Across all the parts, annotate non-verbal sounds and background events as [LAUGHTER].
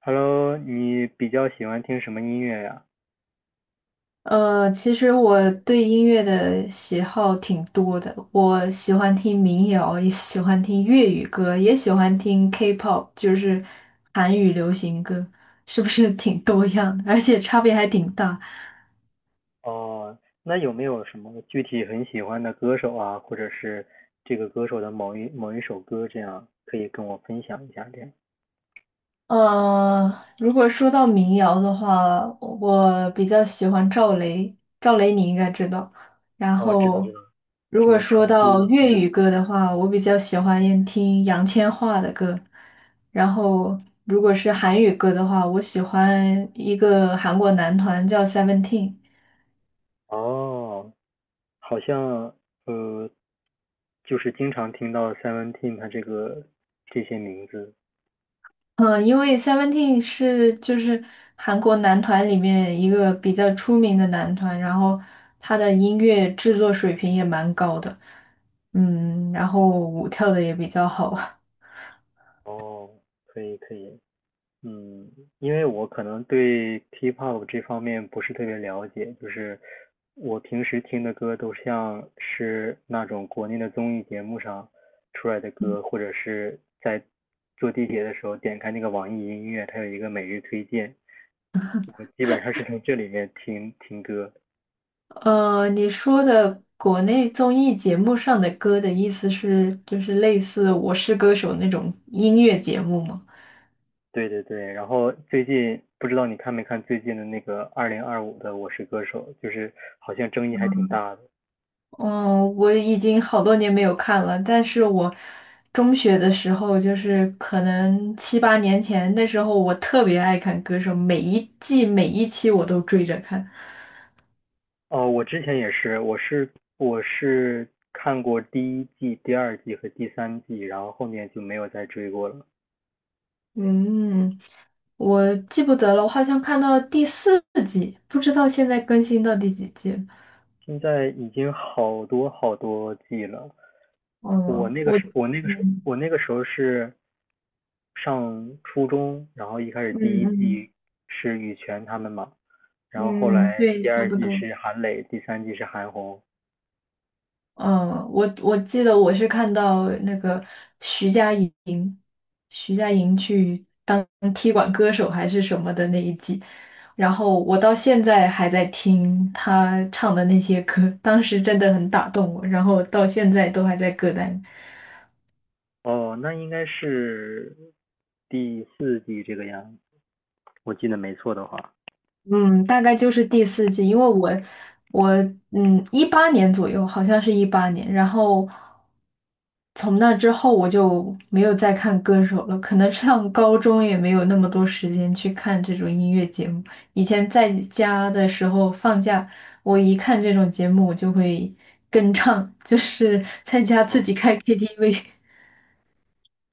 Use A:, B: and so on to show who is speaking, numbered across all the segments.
A: Hello，你比较喜欢听什么音乐呀？
B: 其实我对音乐的喜好挺多的，我喜欢听民谣，也喜欢听粤语歌，也喜欢听 K-pop，就是韩语流行歌，是不是挺多样的？而且差别还挺大。
A: 哦，那有没有什么具体很喜欢的歌手啊，或者是这个歌手的某一首歌，这样可以跟我分享一下？这样，
B: 呃，如果说到民谣的话，我比较喜欢赵雷，赵雷你应该知道。然
A: 哦，知道
B: 后，
A: 知道，
B: 如
A: 什
B: 果
A: 么成
B: 说
A: 都？
B: 到粤语
A: 嗯，
B: 歌的话，我比较喜欢听杨千嬅的歌。然后，如果是韩语歌的话，我喜欢一个韩国男团叫 Seventeen。
A: 哦，好像呃，就是经常听到 Seventeen 他这个这些名字。
B: 嗯，因为 Seventeen 就是韩国男团里面一个比较出名的男团，然后他的音乐制作水平也蛮高的，然后舞跳的也比较好。
A: 哦，可以可以。嗯，因为我可能对 K-pop 这方面不是特别了解，就是我平时听的歌都像是那种国内的综艺节目上出来的歌，或者是在坐地铁的时候点开那个网易音乐，它有一个每日推荐，我基本上是从这里面听听歌。
B: [LAUGHS] 你说的国内综艺节目上的歌的意思是，就是类似《我是歌手》那种音乐节目吗？
A: 对对对，然后最近不知道你看没看最近的那个2025的《我是歌手》，就是好像争议还挺大的。
B: 嗯，我已经好多年没有看了，但是我中学的时候，就是可能七八年前，那时候我特别爱看《歌手》，每一季每一期我都追着看。
A: 哦，我之前也是，我是看过第一季、第二季和第三季，然后后面就没有再追过了。
B: 嗯，我记不得了，我好像看到第四季，不知道现在更新到第几季了。
A: 现在已经好多好多季了。
B: 嗯，我。嗯
A: 我那个时候是上初中，然后一开始第
B: 嗯
A: 一
B: 嗯。
A: 季是羽泉他们嘛，然后后
B: 嗯，
A: 来
B: 对，
A: 第
B: 差
A: 二
B: 不
A: 季
B: 多。
A: 是韩磊，第三季是韩红。
B: 嗯，我记得我是看到那个徐佳莹，徐佳莹去当踢馆歌手还是什么的那一季，然后我到现在还在听她唱的那些歌，当时真的很打动我，然后到现在都还在歌单。
A: 哦，那应该是第4季这个样子，我记得没错的话。
B: 嗯，大概就是第四季，因为我一八年左右，好像是一八年，然后从那之后我就没有再看歌手了，可能上高中也没有那么多时间去看这种音乐节目。以前在家的时候放假，我一看这种节目，我就会跟唱，[LAUGHS] 就是在家自
A: 哦，
B: 己开 KTV。[LAUGHS]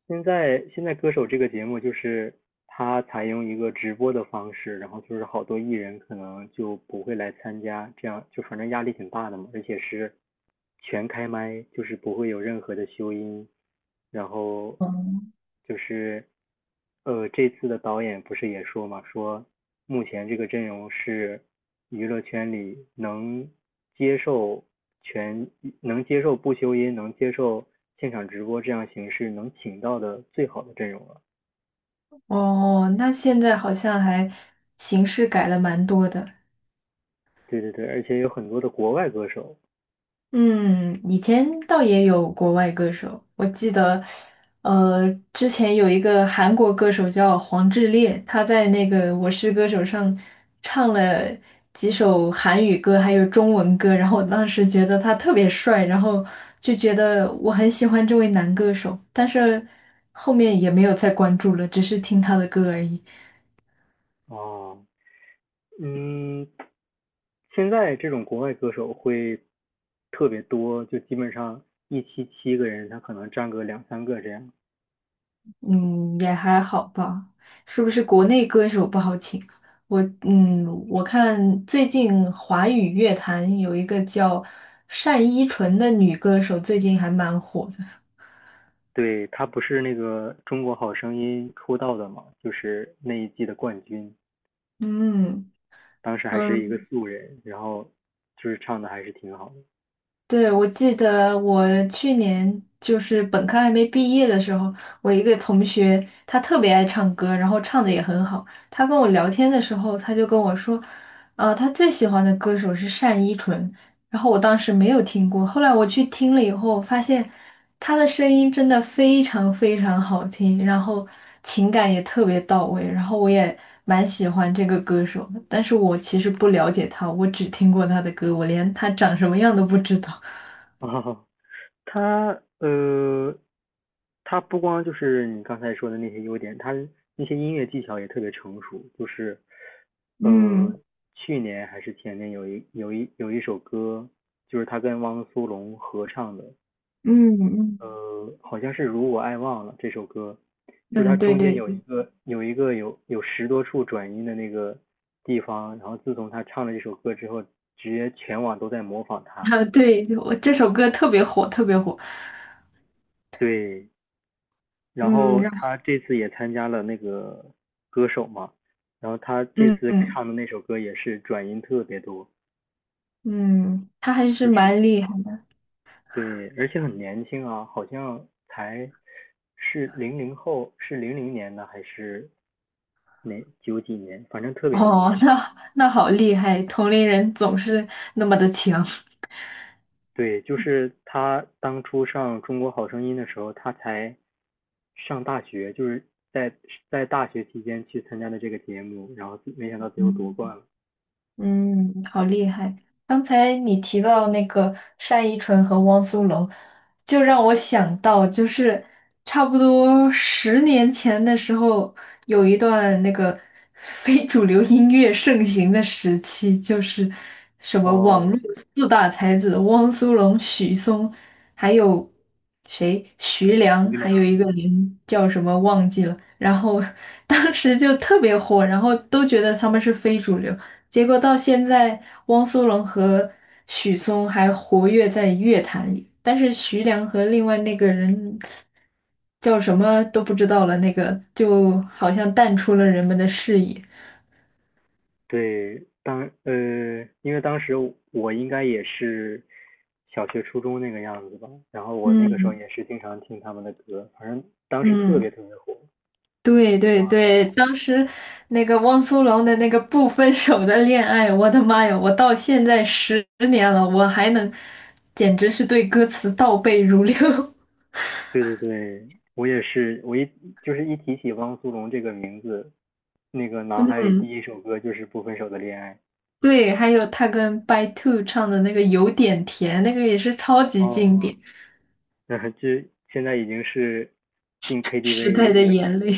A: 现在歌手这个节目就是他采用一个直播的方式，然后就是好多艺人可能就不会来参加，这样就反正压力挺大的嘛，而且是全开麦，就是不会有任何的修音，然后就是这次的导演不是也说嘛，说目前这个阵容是娱乐圈里能接受全能接受不修音，能接受现场直播这样形式能请到的最好的阵容了。
B: 哦，那现在好像还形式改了蛮多的。
A: 对对对，而且有很多的国外歌手。
B: 嗯，以前倒也有国外歌手，我记得，之前有一个韩国歌手叫黄致列，他在那个《我是歌手》上唱了几首韩语歌，还有中文歌，然后我当时觉得他特别帅，然后就觉得我很喜欢这位男歌手，但是后面也没有再关注了，只是听他的歌而已。
A: 哦，嗯，现在这种国外歌手会特别多，就基本上一期7个人，他可能占个2 3个这样。
B: 嗯，也还好吧。是不是国内歌手不好请？我看最近华语乐坛有一个叫单依纯的女歌手，最近还蛮火的。
A: 对，他不是那个《中国好声音》出道的嘛，就是那一季的冠军，
B: 嗯。
A: 当时还是一个
B: 嗯。
A: 素人，然后就是唱的还是挺好的。
B: 对，我记得我去年就是本科还没毕业的时候，我一个同学他特别爱唱歌，然后唱的也很好。他跟我聊天的时候，他就跟我说，啊、他最喜欢的歌手是单依纯。然后我当时没有听过，后来我去听了以后，发现他的声音真的非常非常好听，然后情感也特别到位，然后我也蛮喜欢这个歌手的。但是我其实不了解他，我只听过他的歌，我连他长什么样都不知道。
A: [LAUGHS] 啊，他呃，他不光就是你刚才说的那些优点，他那些音乐技巧也特别成熟，就是呃，
B: 嗯
A: 去年还是前年有一首歌，就是他跟汪苏泷合唱的，
B: 嗯嗯
A: 好像是《如我爱忘了》这首歌，就是它
B: 嗯。对
A: 中间
B: 对
A: 有一
B: 对。
A: 个有一个有有10多处转音的那个地方，然后自从他唱了这首歌之后，直接全网都在模仿他。
B: 啊，对，我这首歌特别火，特别火。
A: 对，然
B: 嗯，
A: 后
B: 然后
A: 他这次也参加了那个歌手嘛，然后他这
B: 嗯
A: 次
B: 嗯
A: 唱的那首歌也是转音特别多，
B: 嗯，他还是
A: 就是
B: 蛮厉害的。
A: 对，而且很年轻啊，好像才是零零后，是零零年的还是哪九几年，反正特别年
B: 哦，
A: 轻。
B: 那好厉害，同龄人总是那么的强。
A: 对，就是他当初上《中国好声音》的时候，他才上大学，就是在在大学期间去参加的这个节目，然后没想到
B: [LAUGHS]
A: 最后夺
B: 嗯。
A: 冠了。
B: 嗯，好厉害！刚才你提到那个单依纯和汪苏泷，就让我想到，就是差不多十年前的时候，有一段那个非主流音乐盛行的时期，就是什么网
A: 哦，
B: 络四大才子汪苏泷、许嵩，还有谁？徐
A: 徐
B: 良，
A: 俊
B: 还有
A: 良，
B: 一个人叫什么忘记了。然后 [LAUGHS] 当时就特别火，然后都觉得他们是非主流。结果到现在，汪苏泷和许嵩还活跃在乐坛里，但是徐良和另外那个人叫什么都不知道了，那个就好像淡出了人们的视野。
A: 对，因为当时我应该也是小学、初中那个样子吧，然后我那个时候
B: 嗯
A: 也是经常听他们的歌，反正当时特
B: 嗯，
A: 别特别火。
B: 对对对，当时那个汪苏泷的那个不分手的恋爱，我的妈呀，我到现在10年了，我还能，简直是对歌词倒背如流。
A: 对对对，我也是，就是一提起汪苏泷这个名字，那个脑海
B: [LAUGHS]
A: 里第1首歌就是《不分手的恋爱》，
B: 对，还有他跟 By Two 唱的那个有点甜，那个也是超级经
A: 哦，
B: 典，
A: [LAUGHS] 嗯，这现在已经是进
B: 《时代
A: KTV，
B: 的眼泪》。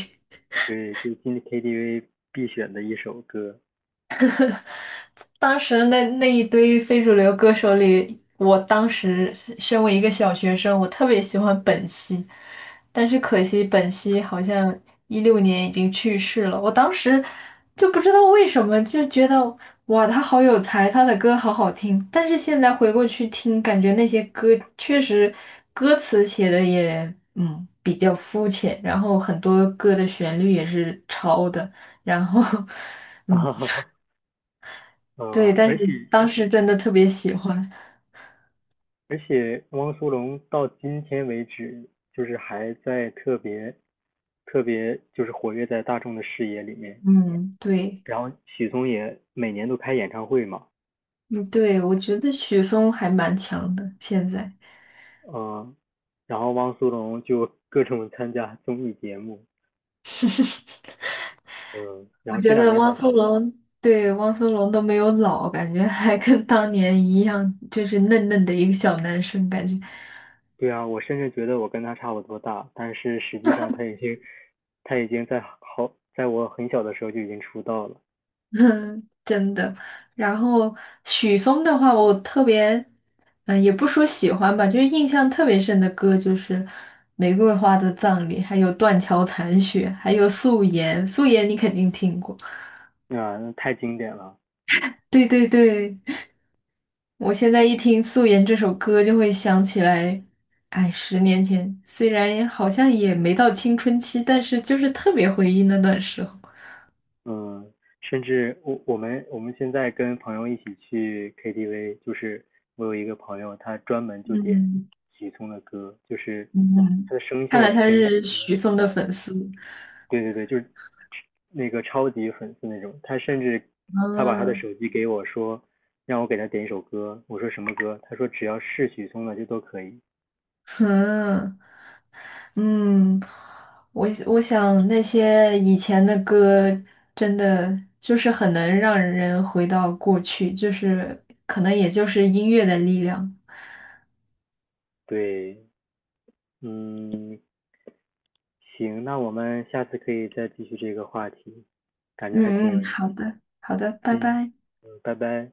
A: 对，就进 KTV 必选的一首歌。
B: 当时那一堆非主流歌手里，我当时身为一个小学生，我特别喜欢本兮，但是可惜本兮好像2016年已经去世了。我当时就不知道为什么，就觉得哇，他好有才，他的歌好好听。但是现在回过去听，感觉那些歌确实歌词写的也比较肤浅，然后很多歌的旋律也是抄的，然后 [LAUGHS]
A: [LAUGHS]
B: 嗯。
A: 哈哈
B: 对，
A: 嗯，
B: 但
A: 而
B: 是
A: 且
B: 当时真的特别喜欢。
A: 而且汪苏泷到今天为止，就是还在特别就是活跃在大众的视野里面。
B: 嗯，对。
A: 然后许嵩也每年都开演唱会嘛，
B: 嗯，对，我觉得许嵩还蛮强的。现在
A: 嗯，然后汪苏泷就各种参加综艺节目，嗯，然
B: 我
A: 后这
B: 觉
A: 两
B: 得
A: 年
B: 汪
A: 好像
B: 苏泷，对，汪苏泷都没有老，感觉还跟当年一样，就是嫩嫩的一个小男生，感觉。
A: 对啊，我甚至觉得我跟他差不多大，但是实际上他已经，在我很小的时候就已经出道了，
B: [LAUGHS] 嗯，真的。然后许嵩的话，我特别，也不说喜欢吧，就是印象特别深的歌就是《玫瑰花的葬礼》，还有《断桥残雪》，还有《素颜》，《素颜》你肯定听过。
A: 啊，那太经典了，
B: 对对对，我现在一听《素颜》这首歌，就会想起来，哎，十年前，虽然好像也没到青春期，但是就是特别回忆那段时候。
A: 嗯，甚至我们现在跟朋友一起去 KTV，就是我有一个朋友，他专门就点
B: 嗯
A: 许嵩的歌，就是他
B: 嗯，
A: 的声
B: 看来
A: 线
B: 他
A: 跟
B: 是
A: 许嵩也
B: 许
A: 很
B: 嵩的
A: 像，
B: 粉丝。
A: 对对对，就是那个超级粉丝那种，他甚至他把他的
B: 嗯
A: 手机给我说，让我给他点一首歌，我说什么歌？他说只要是许嵩的就都可以。
B: 嗯嗯，我想那些以前的歌，真的就是很能让人回到过去，就是可能也就是音乐的力量。
A: 对，嗯，行，那我们下次可以再继续这个话题，感觉还挺
B: 嗯
A: 有
B: 嗯，
A: 意
B: 好
A: 思。
B: 的，好的，拜
A: 嗯，
B: 拜。
A: 拜拜。